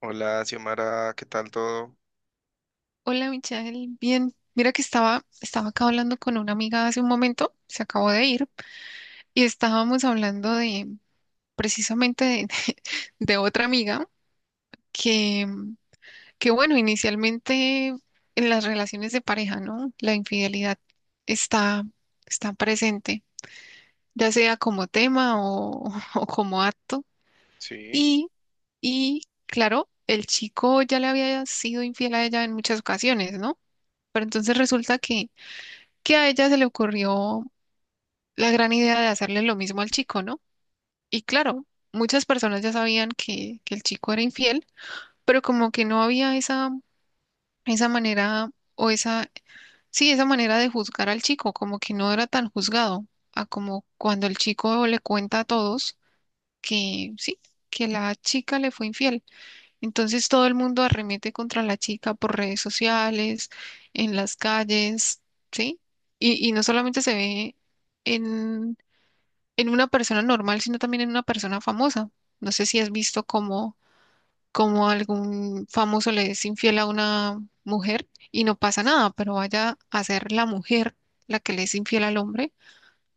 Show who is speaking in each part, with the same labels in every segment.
Speaker 1: Hola, Xiomara, ¿qué tal todo?
Speaker 2: Hola, Michelle. Bien, mira que estaba acá hablando con una amiga hace un momento, se acabó de ir, y estábamos hablando de precisamente de otra amiga que, que, bueno, inicialmente en las relaciones de pareja, ¿no? La infidelidad está, está presente, ya sea como tema o como acto.
Speaker 1: Sí,
Speaker 2: Y, y claro, el chico ya le había sido infiel a ella en muchas ocasiones, ¿no? Pero entonces resulta que a ella se le ocurrió la gran idea de hacerle lo mismo al chico, ¿no? Y claro, muchas personas ya sabían que el chico era infiel, pero como que no había esa manera o sí, esa manera de juzgar al chico, como que no era tan juzgado, a como cuando el chico le cuenta a todos que sí, que la chica le fue infiel. Entonces todo el mundo arremete contra la chica por redes sociales, en las calles, ¿sí? Y no solamente se ve en en una persona normal, sino también en una persona famosa. No sé si has visto cómo algún famoso le es infiel a una mujer y no pasa nada, pero vaya a ser la mujer la que le es infiel al hombre,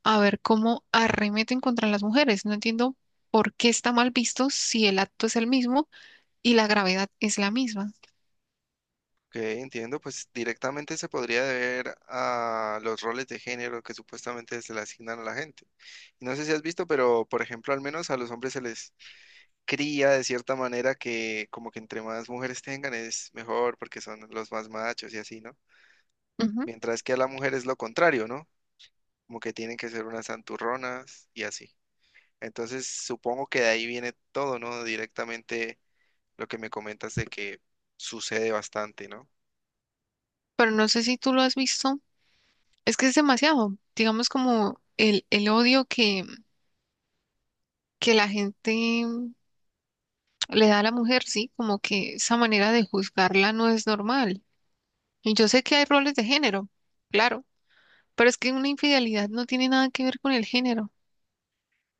Speaker 2: a ver cómo arremeten contra las mujeres. No entiendo por qué está mal visto si el acto es el mismo y la gravedad es la misma.
Speaker 1: ok, entiendo. Pues directamente se podría deber a los roles de género que supuestamente se le asignan a la gente. Y no sé si has visto, pero por ejemplo, al menos a los hombres se les cría de cierta manera que como que entre más mujeres tengan es mejor porque son los más machos y así, ¿no?
Speaker 2: Ujú.
Speaker 1: Mientras que a la mujer es lo contrario, ¿no? Como que tienen que ser unas santurronas y así. Entonces supongo que de ahí viene todo, ¿no? Directamente lo que me comentas de que sucede bastante, ¿no?
Speaker 2: Pero no sé si tú lo has visto, es que es demasiado, digamos como el odio que la gente le da a la mujer, sí, como que esa manera de juzgarla no es normal. Y yo sé que hay roles de género, claro, pero es que una infidelidad no tiene nada que ver con el género,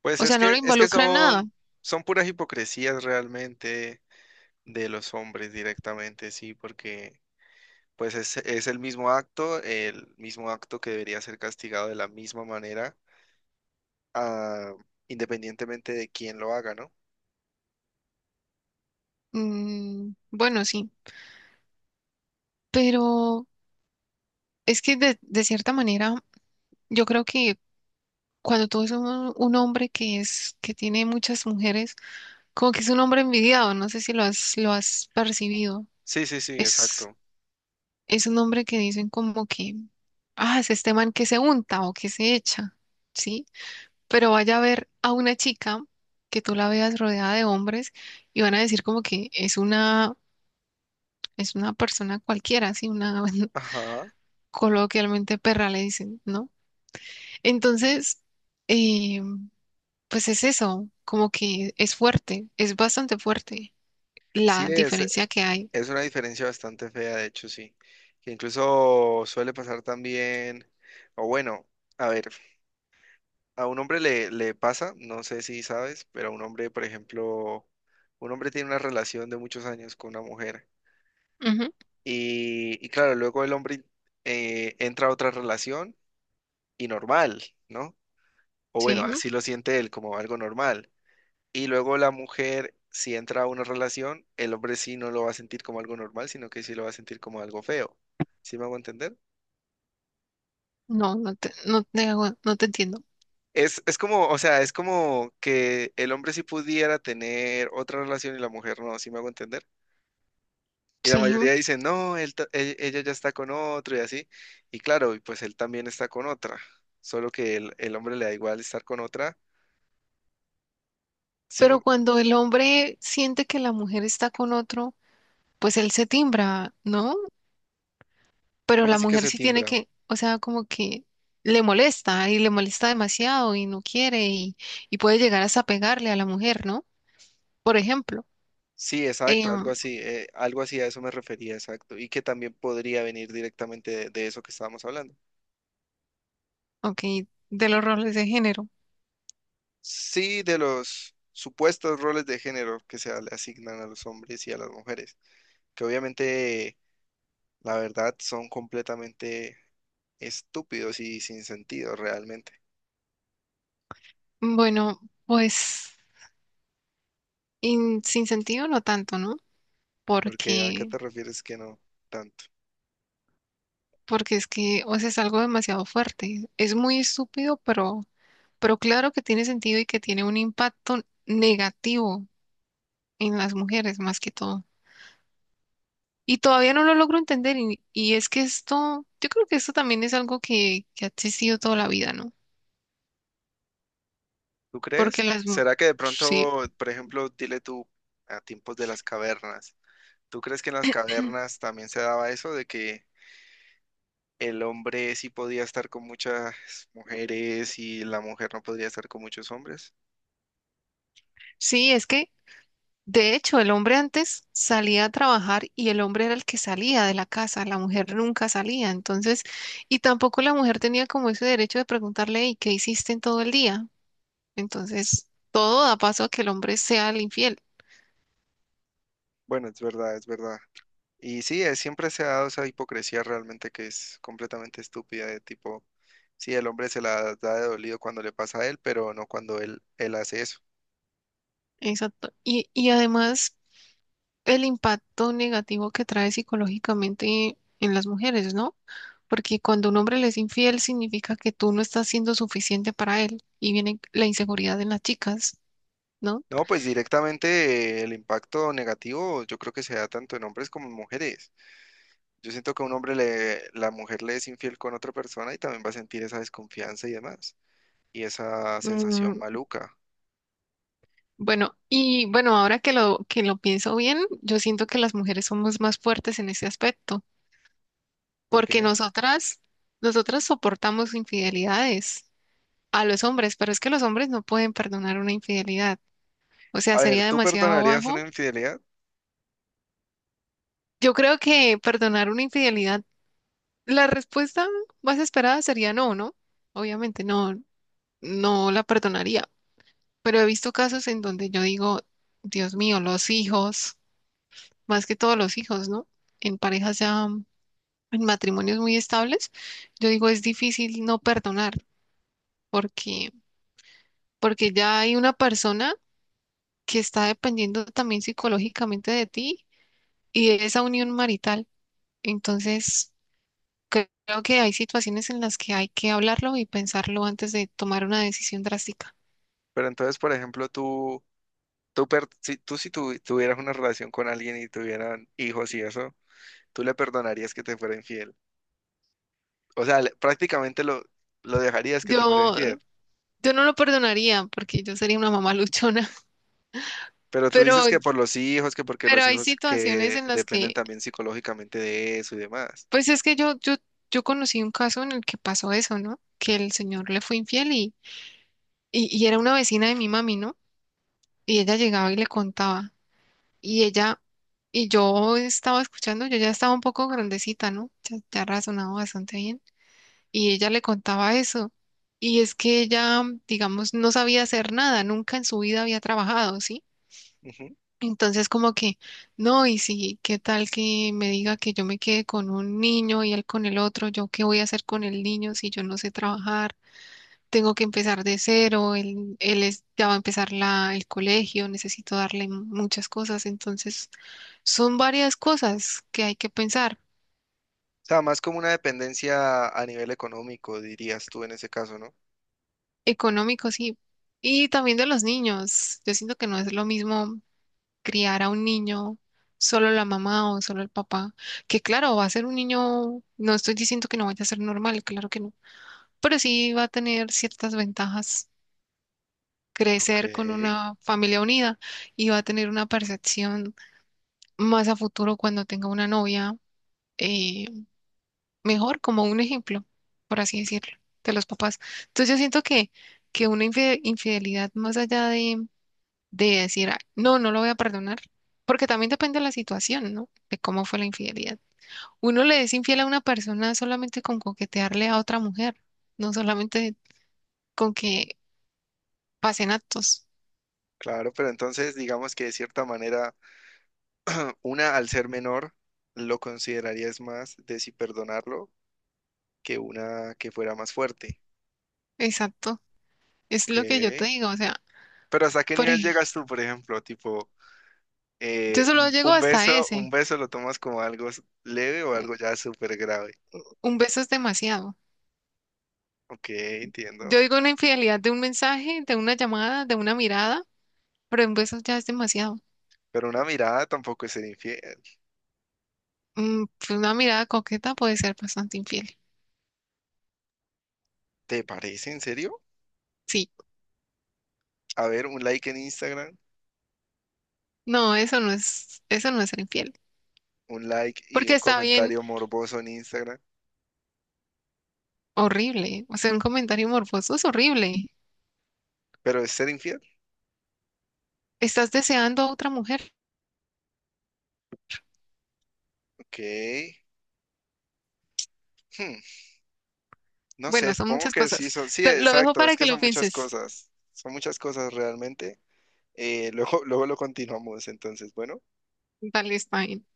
Speaker 1: Pues
Speaker 2: o
Speaker 1: es
Speaker 2: sea, no lo
Speaker 1: que, es que
Speaker 2: involucra en
Speaker 1: son,
Speaker 2: nada.
Speaker 1: son puras hipocresías realmente de los hombres directamente, sí, porque pues es el mismo acto que debería ser castigado de la misma manera, ah, independientemente de quién lo haga, ¿no?
Speaker 2: Mm, bueno, sí, pero es que de cierta manera yo creo que cuando tú ves un hombre que tiene muchas mujeres, como que es un hombre envidiado, no sé si lo has percibido.
Speaker 1: Sí, sí, sí,
Speaker 2: Es,
Speaker 1: exacto.
Speaker 2: es un hombre que dicen como que, ah, es este man que se unta o que se echa, ¿sí? Pero vaya a ver a una chica que tú la veas rodeada de hombres y van a decir como que es es una persona cualquiera, ¿sí? Una,
Speaker 1: Ajá.
Speaker 2: coloquialmente perra le dicen, ¿no? Entonces, eh, pues es eso, como que es fuerte, es bastante fuerte
Speaker 1: Sí,
Speaker 2: la diferencia que hay.
Speaker 1: es una diferencia bastante fea, de hecho, sí. Que incluso suele pasar también, o bueno, a ver. A un hombre le, le pasa, no sé si sabes, pero a un hombre, por ejemplo, un hombre tiene una relación de muchos años con una mujer
Speaker 2: Ujú,
Speaker 1: y claro, luego el hombre entra a otra relación y normal, ¿no? O bueno,
Speaker 2: sí.
Speaker 1: así lo siente él como algo normal. Y luego la mujer, si entra a una relación, el hombre sí no lo va a sentir como algo normal, sino que sí lo va a sentir como algo feo. ¿Sí me hago entender?
Speaker 2: No, no te entiendo.
Speaker 1: Es como, o sea, es como que el hombre sí pudiera tener otra relación y la mujer no, ¿sí me hago entender? Y la
Speaker 2: Sí,
Speaker 1: mayoría dicen, no, ella ya está con otro y así. Y claro, y pues él también está con otra. Solo que el hombre le da igual estar con otra. Sí,
Speaker 2: pero
Speaker 1: mo-
Speaker 2: cuando el hombre siente que la mujer está con otro, pues él se timbra, ¿no? Pero
Speaker 1: ¿cómo
Speaker 2: la
Speaker 1: así que
Speaker 2: mujer
Speaker 1: se
Speaker 2: sí tiene
Speaker 1: timbra?
Speaker 2: que, o sea, como que le molesta y le molesta demasiado y no quiere y puede llegar hasta pegarle a la mujer, ¿no? Por ejemplo,
Speaker 1: Sí, exacto,
Speaker 2: em,
Speaker 1: algo así a eso me refería, exacto. Y que también podría venir directamente de eso que estábamos hablando.
Speaker 2: ok, de los roles de género.
Speaker 1: Sí, de los supuestos roles de género que se le asignan a los hombres y a las mujeres, que obviamente, la verdad, son completamente estúpidos y sin sentido realmente.
Speaker 2: Bueno, pues sin sentido no tanto, ¿no?
Speaker 1: Porque ¿a qué
Speaker 2: Porque,
Speaker 1: te refieres que no tanto?
Speaker 2: porque es que, o sea, es algo demasiado fuerte. Es muy estúpido, pero claro que tiene sentido y que tiene un impacto negativo en las mujeres más que todo. Y todavía no lo logro entender y es que esto, yo creo que esto también es algo que ha existido toda la vida, ¿no?
Speaker 1: ¿Tú
Speaker 2: Porque
Speaker 1: crees? ¿Será que de
Speaker 2: sí,
Speaker 1: pronto, por ejemplo, dile tú a tiempos de las cavernas, ¿tú crees que en las cavernas también se daba eso de que el hombre sí podía estar con muchas mujeres y la mujer no podría estar con muchos hombres?
Speaker 2: sí, es que de hecho el hombre antes salía a trabajar y el hombre era el que salía de la casa, la mujer nunca salía, entonces, y tampoco la mujer tenía como ese derecho de preguntarle, ¿y qué hiciste en todo el día? Entonces, todo da paso a que el hombre sea el infiel.
Speaker 1: Bueno, es verdad, es verdad. Y sí, siempre se ha dado esa hipocresía realmente que es completamente estúpida de tipo, sí, el hombre se la da de dolido cuando le pasa a él, pero no cuando él hace eso.
Speaker 2: Exacto. Y además el impacto negativo que trae psicológicamente en las mujeres, ¿no? Porque cuando un hombre le es infiel significa que tú no estás siendo suficiente para él y viene la inseguridad en las chicas, ¿no?
Speaker 1: No, pues directamente el impacto negativo yo creo que se da tanto en hombres como en mujeres. Yo siento que a un hombre le, la mujer le es infiel con otra persona y también va a sentir esa desconfianza y demás, y esa sensación
Speaker 2: Mm,
Speaker 1: maluca.
Speaker 2: bueno, y bueno, ahora que que lo pienso bien, yo siento que las mujeres somos más fuertes en ese aspecto,
Speaker 1: ¿Por
Speaker 2: porque
Speaker 1: qué?
Speaker 2: nosotras soportamos infidelidades a los hombres, pero es que los hombres no pueden perdonar una infidelidad. O sea,
Speaker 1: A ver,
Speaker 2: sería
Speaker 1: tú
Speaker 2: demasiado
Speaker 1: perdonarías una
Speaker 2: bajo.
Speaker 1: infidelidad,
Speaker 2: Yo creo que perdonar una infidelidad, la respuesta más esperada sería no, ¿no? Obviamente no, no la perdonaría, pero he visto casos en donde yo digo, Dios mío, los hijos, más que todos los hijos, ¿no? En parejas ya, en matrimonios muy estables, yo digo, es difícil no perdonar, porque, porque ya hay una persona que está dependiendo también psicológicamente de ti y de esa unión marital. Entonces, creo que hay situaciones en las que hay que hablarlo y pensarlo antes de tomar una decisión drástica.
Speaker 1: pero entonces, por ejemplo, tú, per- si, tú si tu- tuvieras una relación con alguien y tuvieran hijos y eso, ¿tú le perdonarías que te fuera infiel? O sea, le- prácticamente lo dejarías que te fuera
Speaker 2: Yo,
Speaker 1: infiel.
Speaker 2: yo no lo perdonaría porque yo sería una mamá luchona,
Speaker 1: Pero tú dices
Speaker 2: pero,
Speaker 1: que por los hijos, que porque
Speaker 2: pero
Speaker 1: los
Speaker 2: hay
Speaker 1: hijos
Speaker 2: situaciones
Speaker 1: que
Speaker 2: en las
Speaker 1: dependen
Speaker 2: que,
Speaker 1: también psicológicamente de eso y demás.
Speaker 2: pues es que yo conocí un caso en el que pasó eso, ¿no? Que el señor le fue infiel y era una vecina de mi mami, ¿no? Y ella llegaba y le contaba. Y ella, y yo estaba escuchando, yo ya estaba un poco grandecita, ¿no? Ya razonaba bastante bien. Y ella le contaba eso. Y es que ella, digamos, no sabía hacer nada, nunca en su vida había trabajado, ¿sí?
Speaker 1: Ujú. O
Speaker 2: Entonces como que, no, y si, ¿qué tal que me diga que yo me quede con un niño y él con el otro? ¿Yo qué voy a hacer con el niño si yo no sé trabajar? Tengo que empezar de cero, ya va a empezar el colegio, necesito darle muchas cosas, entonces son varias cosas que hay que pensar.
Speaker 1: sea, más como una dependencia a nivel económico, dirías tú en ese caso, ¿no?
Speaker 2: Económico, sí. Y también de los niños. Yo siento que no es lo mismo criar a un niño, solo la mamá o solo el papá, que claro, va a ser un niño, no estoy diciendo que no vaya a ser normal, claro que no, pero sí va a tener ciertas ventajas
Speaker 1: Ok,
Speaker 2: crecer con una familia unida y va a tener una percepción más a futuro cuando tenga una novia, eh, mejor como un ejemplo, por así decirlo, de los papás. Entonces yo siento que una infidelidad más allá de decir, "Ah, no, no lo voy a perdonar", porque también depende de la situación, ¿no? De cómo fue la infidelidad. Uno le es infiel a una persona solamente con coquetearle a otra mujer, no solamente con que pasen actos.
Speaker 1: claro, pero entonces digamos que de cierta manera, una al ser menor, lo considerarías más de si perdonarlo que una que fuera más fuerte.
Speaker 2: Exacto. Es
Speaker 1: Ok,
Speaker 2: lo que yo te digo, o sea,
Speaker 1: pero ¿hasta qué
Speaker 2: por
Speaker 1: nivel
Speaker 2: ej-
Speaker 1: llegas tú, por ejemplo? Tipo,
Speaker 2: yo solo llego hasta
Speaker 1: un
Speaker 2: ese.
Speaker 1: beso lo tomas como algo s- leve o algo ya súper grave.
Speaker 2: Un beso es demasiado.
Speaker 1: Ok,
Speaker 2: Yo
Speaker 1: entiendo.
Speaker 2: digo una infidelidad de un mensaje, de una llamada, de una mirada, pero un beso ya es demasiado.
Speaker 1: Pero una mirada tampoco es ser infiel.
Speaker 2: Mm, pues una mirada coqueta puede ser bastante infiel.
Speaker 1: ¿Te parece en serio?
Speaker 2: Sí.
Speaker 1: A ver, un like en Instagram,
Speaker 2: No, eso no es ser infiel.
Speaker 1: un like y
Speaker 2: Porque
Speaker 1: un
Speaker 2: está bien
Speaker 1: comentario morboso en Instagram.
Speaker 2: horrible. O sea, un comentario morboso es horrible.
Speaker 1: ¿Pero es ser infiel?
Speaker 2: Estás deseando a otra mujer.
Speaker 1: Ok. Hmm, no sé,
Speaker 2: Bueno, son
Speaker 1: supongo
Speaker 2: muchas
Speaker 1: que sí
Speaker 2: cosas.
Speaker 1: son. Sí,
Speaker 2: Te- lo dejo
Speaker 1: exacto. Es
Speaker 2: para
Speaker 1: que
Speaker 2: que lo
Speaker 1: son muchas
Speaker 2: pienses.
Speaker 1: cosas. Son muchas cosas realmente. Luego, luego lo continuamos. Entonces, bueno,
Speaker 2: Dale, está bien.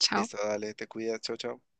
Speaker 2: Chao.
Speaker 1: listo, dale, te cuidas, chao, chao.